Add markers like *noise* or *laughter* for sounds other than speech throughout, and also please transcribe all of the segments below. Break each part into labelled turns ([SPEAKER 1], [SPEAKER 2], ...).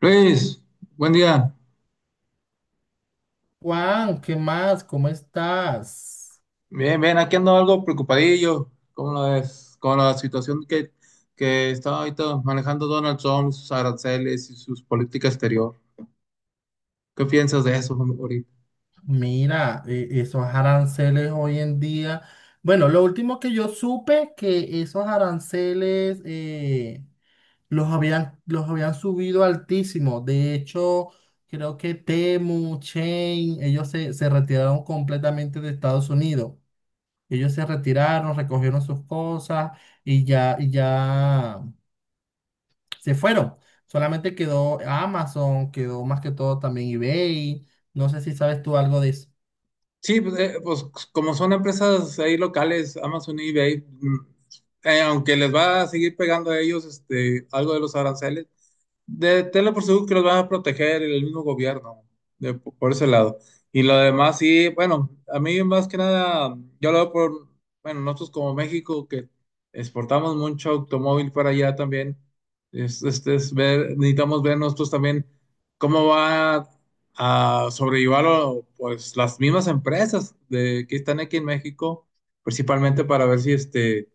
[SPEAKER 1] Luis, buen día.
[SPEAKER 2] Juan, ¿qué más? ¿Cómo estás?
[SPEAKER 1] Bien, bien, aquí ando algo preocupadillo con la situación que está ahorita manejando Donald Trump, sus aranceles y sus políticas exterior. ¿Qué piensas de eso ahorita?
[SPEAKER 2] Mira, esos aranceles hoy en día. Bueno, lo último que yo supe que esos aranceles los habían subido altísimo. De hecho, creo que Temu, Chain, ellos se retiraron completamente de Estados Unidos. Ellos se retiraron, recogieron sus cosas y ya, y ya, se fueron. Solamente quedó Amazon, quedó más que todo también eBay. No sé si sabes tú algo de eso.
[SPEAKER 1] Sí, pues, como son empresas ahí locales, Amazon y eBay, aunque les va a seguir pegando a ellos este, algo de los aranceles. Tenlo por seguro que los van a proteger el mismo gobierno, por ese lado. Y lo demás, sí, bueno, a mí más que nada, yo lo veo por, bueno, nosotros como México, que exportamos mucho automóvil para allá también, es, este, es ver, necesitamos ver nosotros también cómo va a sobrellevarlo, pues las mismas que están aquí en México, principalmente para ver si este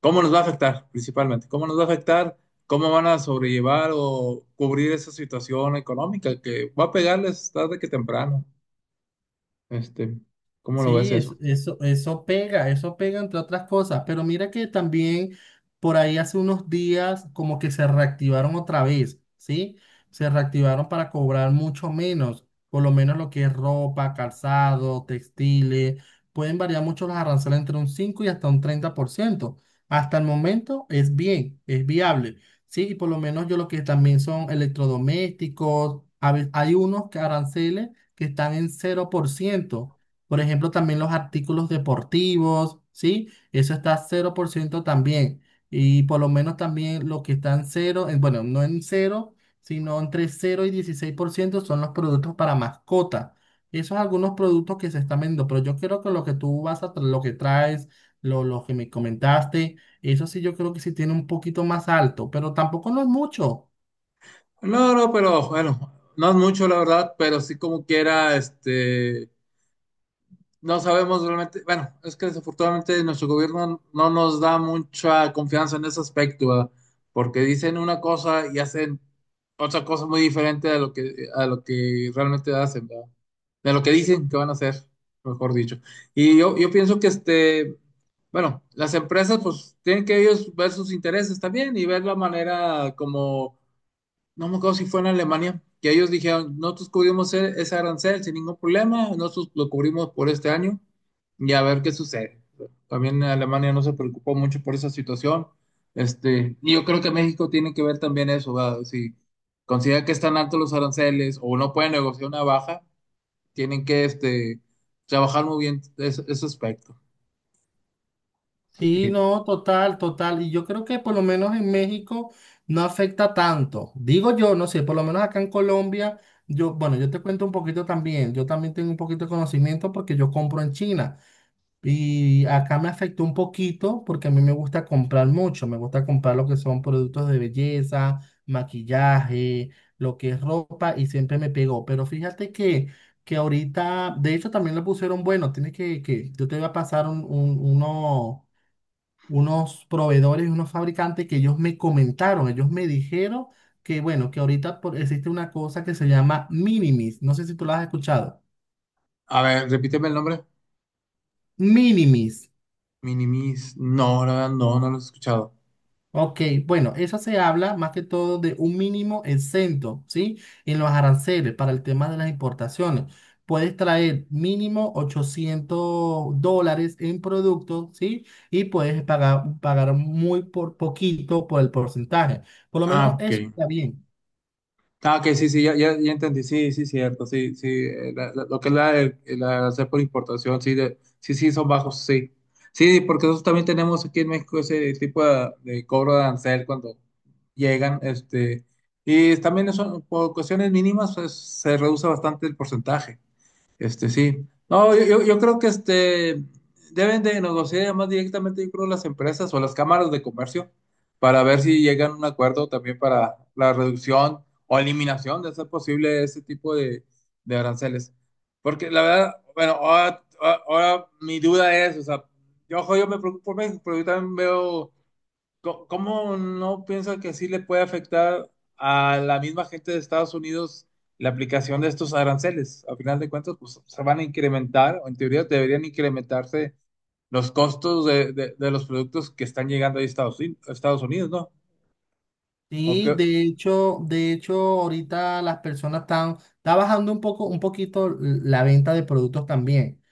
[SPEAKER 1] ¿cómo nos va a afectar principalmente? ¿Cómo nos va a afectar? ¿Cómo van a sobrellevar o cubrir esa situación económica que va a pegarles tarde que temprano? Este, ¿Cómo lo ves
[SPEAKER 2] Sí,
[SPEAKER 1] eso?
[SPEAKER 2] eso pega, eso pega entre otras cosas, pero mira que también por ahí hace unos días como que se reactivaron otra vez, ¿sí? Se reactivaron para cobrar mucho menos, por lo menos lo que es ropa, calzado, textiles, pueden variar mucho los aranceles entre un 5 y hasta un 30%. Hasta el momento es bien, es viable, ¿sí? Y por lo menos yo lo que también son electrodomésticos, hay unos que aranceles que están en 0%, por ejemplo, también los artículos deportivos, ¿sí? Eso está 0% también. Y por lo menos también lo que está en cero, bueno, no en cero, sino entre cero y 16% son los productos para mascota. Esos algunos productos que se están vendiendo, pero yo creo que lo que traes, lo que me comentaste, eso sí yo creo que sí tiene un poquito más alto, pero tampoco no es mucho.
[SPEAKER 1] No, no, pero bueno, no es mucho la verdad, pero sí como quiera, no sabemos realmente. Bueno, es que desafortunadamente nuestro gobierno no nos da mucha confianza en ese aspecto, ¿verdad? Porque dicen una cosa y hacen otra cosa muy diferente a a lo que realmente hacen, ¿verdad? De lo que dicen que van a hacer, mejor dicho. Yo pienso que las empresas pues tienen que ellos ver sus intereses también y ver la manera como no me acuerdo si fue en Alemania, que ellos dijeron, nosotros cubrimos ese arancel sin ningún problema, nosotros lo cubrimos por este año y a ver qué sucede. También Alemania no se preocupó mucho por esa situación. Y yo creo que México tiene que ver también eso, ¿verdad? Si considera que están altos los aranceles o no pueden negociar una baja, tienen que trabajar muy bien ese aspecto.
[SPEAKER 2] Sí,
[SPEAKER 1] Sí.
[SPEAKER 2] no, total, total. Y yo creo que por lo menos en México no afecta tanto. Digo yo, no sé, por lo menos acá en Colombia, yo, bueno, yo te cuento un poquito también. Yo también tengo un poquito de conocimiento porque yo compro en China. Y acá me afectó un poquito porque a mí me gusta comprar mucho. Me gusta comprar lo que son productos de belleza, maquillaje, lo que es ropa y siempre me pegó. Pero fíjate que ahorita, de hecho también le pusieron, bueno, tienes yo te voy a pasar unos proveedores, unos fabricantes que ellos me comentaron, ellos me dijeron que, bueno, que ahorita existe una cosa que se llama Minimis. No sé si tú la has escuchado.
[SPEAKER 1] A ver, repíteme el nombre.
[SPEAKER 2] Minimis.
[SPEAKER 1] Minimis. No, la verdad, no, no lo he escuchado.
[SPEAKER 2] Ok, bueno, eso se habla más que todo de un mínimo exento, ¿sí? En los aranceles para el tema de las importaciones. Puedes traer mínimo $800 en productos, ¿sí? Y puedes pagar muy por poquito por el porcentaje. Por lo
[SPEAKER 1] Ah,
[SPEAKER 2] menos
[SPEAKER 1] ok.
[SPEAKER 2] eso está bien.
[SPEAKER 1] Ah, ok, sí, sí, ya, ya, ya entendí, sí, sí, cierto, sí, sí, lo que es la hacer por importación, sí, sí, son bajos, sí. Sí, porque nosotros también tenemos aquí en México ese tipo de cobro de arancel cuando llegan, y también eso, por cuestiones mínimas, pues, se reduce bastante el porcentaje. Este sí. No, yo creo que este deben de negociar más directamente, yo creo, las empresas o las cámaras de comercio para ver si llegan a un acuerdo también para la reducción o eliminación de ser posible ese tipo de aranceles. Porque la verdad, bueno, ahora mi duda es, o sea, yo, ojo, yo me preocupo por México, pero yo también veo ¿cómo no piensa que sí le puede afectar a la misma gente de Estados Unidos la aplicación de estos aranceles? A final de cuentas, pues se van a incrementar, o en teoría deberían incrementarse los costos de los productos que están llegando ahí a a Estados Unidos, ¿no? ¿O
[SPEAKER 2] Sí,
[SPEAKER 1] qué?
[SPEAKER 2] de hecho, ahorita las personas está bajando un poco, un poquito la venta de productos también,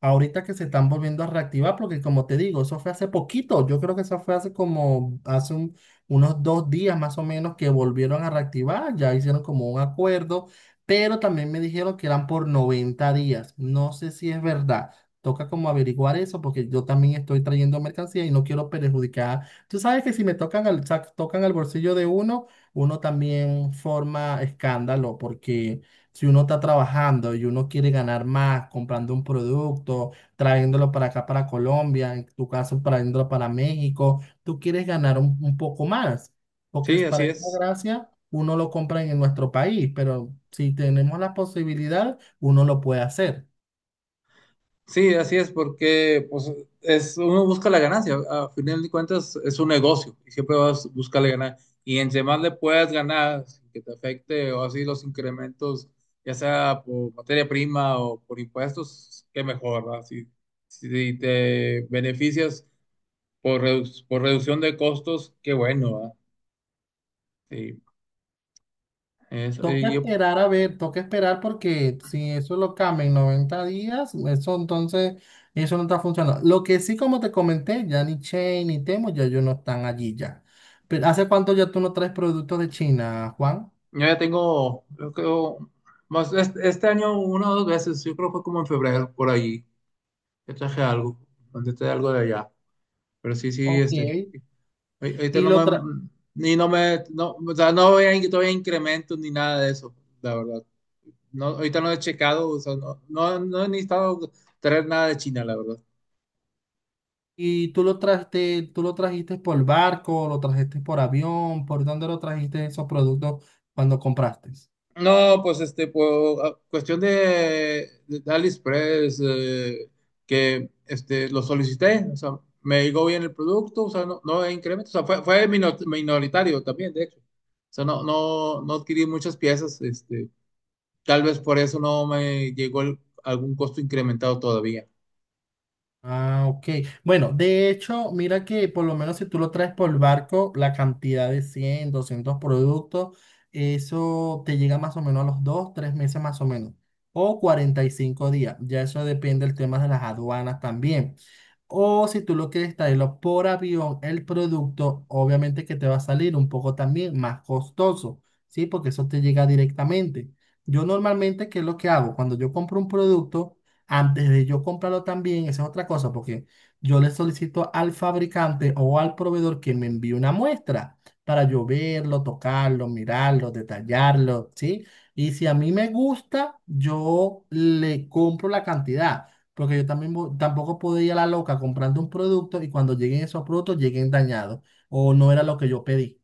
[SPEAKER 2] ahorita que se están volviendo a reactivar, porque como te digo, eso fue hace poquito, yo creo que eso fue hace como, unos dos días más o menos que volvieron a reactivar, ya hicieron como un acuerdo, pero también me dijeron que eran por 90 días, no sé si es verdad. Toca como averiguar eso porque yo también estoy trayendo mercancía y no quiero perjudicar. Tú sabes que si me tocan al bolsillo de uno, uno también forma escándalo porque si uno está trabajando y uno quiere ganar más comprando un producto, trayéndolo para acá, para Colombia, en tu caso, trayéndolo para México, tú quieres ganar un poco más, porque
[SPEAKER 1] Sí,
[SPEAKER 2] es
[SPEAKER 1] así
[SPEAKER 2] para esa
[SPEAKER 1] es.
[SPEAKER 2] gracia uno lo compra en nuestro país, pero si tenemos la posibilidad, uno lo puede hacer.
[SPEAKER 1] Sí, así es, porque pues, es, uno busca la ganancia. A final de cuentas, es un negocio y siempre vas a buscarle ganar. Y entre más le puedas ganar, sin que te afecte o así los incrementos, ya sea por materia prima o por impuestos, qué mejor, ¿verdad? Si, si te beneficias por reducción de costos, qué bueno, ¿verdad? Sí, es-
[SPEAKER 2] Toca
[SPEAKER 1] y yo,
[SPEAKER 2] esperar a ver, toca esperar porque si eso lo cambia en 90 días, eso entonces, eso no está funcionando. Lo que sí, como te comenté, ya ni Chain ni Temo, ya ellos no están allí ya. Pero ¿hace cuánto ya tú no traes productos de China, Juan?
[SPEAKER 1] yo ya tengo, yo creo, más este año una o dos veces, yo creo que fue como en febrero, por ahí. Yo traje algo, mandé algo de allá. Pero sí, sí,
[SPEAKER 2] Ok.
[SPEAKER 1] este. Ahorita
[SPEAKER 2] Y
[SPEAKER 1] no
[SPEAKER 2] lo tra-
[SPEAKER 1] me. No, o sea, no voy a in- todavía incrementos ni nada de eso, la verdad. No, ahorita no he checado, o sea, no, no, no he necesitado traer nada de China, la verdad.
[SPEAKER 2] y tú lo trajiste por barco, lo trajiste por avión, ¿por dónde lo trajiste esos productos cuando compraste?
[SPEAKER 1] No, pues este, pues, cuestión de AliExpress, lo solicité, o sea, me llegó bien el producto, o sea, no, no hay incremento, o sea, fue minoritario también, de hecho. O sea, no, no, no adquirí muchas piezas, este. Tal vez por eso no me llegó algún costo incrementado todavía.
[SPEAKER 2] Ah, ok. Bueno, de hecho, mira que por lo menos si tú lo traes por barco, la cantidad de 100, 200 productos, eso te llega más o menos a los 2, 3 meses más o menos, o 45 días. Ya eso depende del tema de las aduanas también. O si tú lo quieres traerlo por avión, el producto obviamente que te va a salir un poco también más costoso, ¿sí? Porque eso te llega directamente. Yo normalmente, ¿qué es lo que hago? Cuando yo compro un producto, antes de yo comprarlo también, esa es otra cosa, porque yo le solicito al fabricante o al proveedor que me envíe una muestra para yo verlo, tocarlo, mirarlo, detallarlo, ¿sí? Y si a mí me gusta, yo le compro la cantidad, porque yo también tampoco puedo ir a la loca comprando un producto y cuando lleguen esos productos lleguen dañados o no era lo que yo pedí.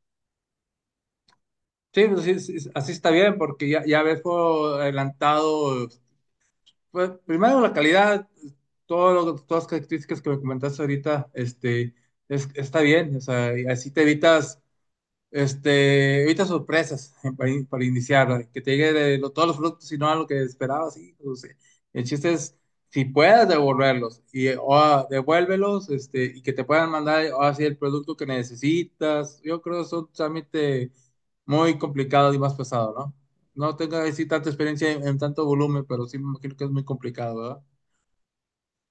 [SPEAKER 1] Sí, pues sí, sí, así está bien, porque ya, ya ves por adelantado, pues, primero la calidad, todas las características que me comentaste ahorita, está bien, o sea, y así te evitas ahorita sorpresas *laughs* para iniciar, que te llegue todos los productos y no a lo que esperabas. Sí, pues, el chiste es, si puedes devolverlos, devuélvelos, y que te puedan mandar ahora sí el producto que necesitas. Yo creo que es un trámite muy complicado y más pesado, ¿no? No tengo así tanta experiencia en tanto volumen, pero sí me imagino que es muy complicado, ¿verdad?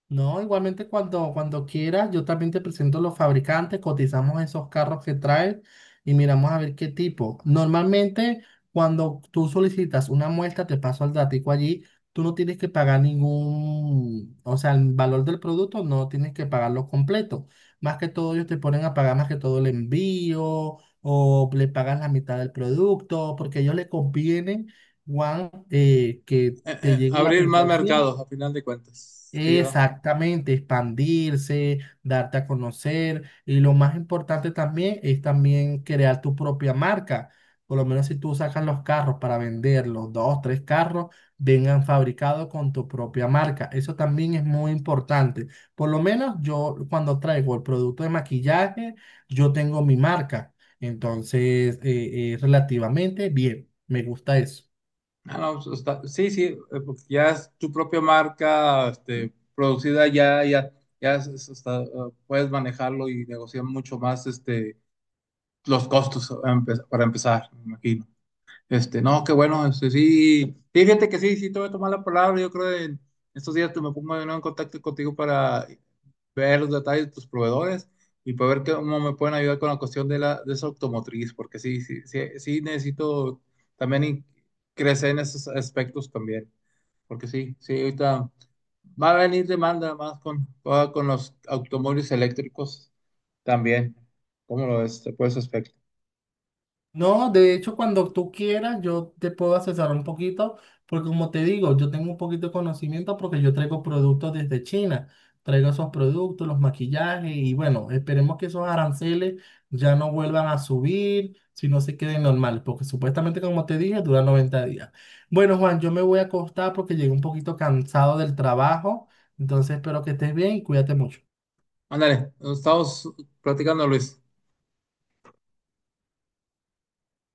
[SPEAKER 2] No, igualmente cuando quieras, yo también te presento los fabricantes, cotizamos esos carros que traes y miramos a ver qué tipo. Normalmente, cuando tú solicitas una muestra, te paso el datico allí, tú no tienes que pagar ningún, o sea, el valor del producto no tienes que pagarlo completo. Más que todo, ellos te ponen a pagar más que todo el envío o le pagas la mitad del producto, porque a ellos les conviene, Juan, que te llegue la
[SPEAKER 1] Abrir más
[SPEAKER 2] mercancía.
[SPEAKER 1] mercados, a final de cuentas, sí, ¿verdad?
[SPEAKER 2] Exactamente, expandirse, darte a conocer y lo más importante también es también crear tu propia marca. Por lo menos si tú sacas los carros para venderlos, dos, tres carros, vengan fabricados con tu propia marca. Eso también es muy importante. Por lo menos yo cuando traigo el producto de maquillaje, yo tengo mi marca. Entonces, relativamente bien, me gusta eso.
[SPEAKER 1] Ah, no, pues, sí, sí, porque ya es tu propia marca, producida ya, ya, está, puedes manejarlo y negociar mucho más, los costos para empezar, me imagino. No, qué bueno, este, sí, fíjate que sí, sí, te voy a tomar la palabra, yo creo que en estos días te me pongo de nuevo en contacto contigo para ver los detalles de tus proveedores y poder ver cómo me pueden ayudar con la cuestión de esa automotriz, porque sí, sí, sí, sí necesito también crecer en esos aspectos también, porque sí, sí, ahorita va a venir demanda más con, ahora con los automóviles eléctricos también. ¿Cómo lo ves? Por ese aspecto.
[SPEAKER 2] No, de hecho, cuando tú quieras, yo te puedo asesorar un poquito, porque como te digo, yo tengo un poquito de conocimiento porque yo traigo productos desde China. Traigo esos productos, los maquillajes y bueno, esperemos que esos aranceles ya no vuelvan a subir, sino se queden normales, porque supuestamente, como te dije, dura 90 días. Bueno, Juan, yo me voy a acostar porque llegué un poquito cansado del trabajo, entonces espero que estés bien y cuídate mucho.
[SPEAKER 1] Ándale, nos estamos platicando, Luis.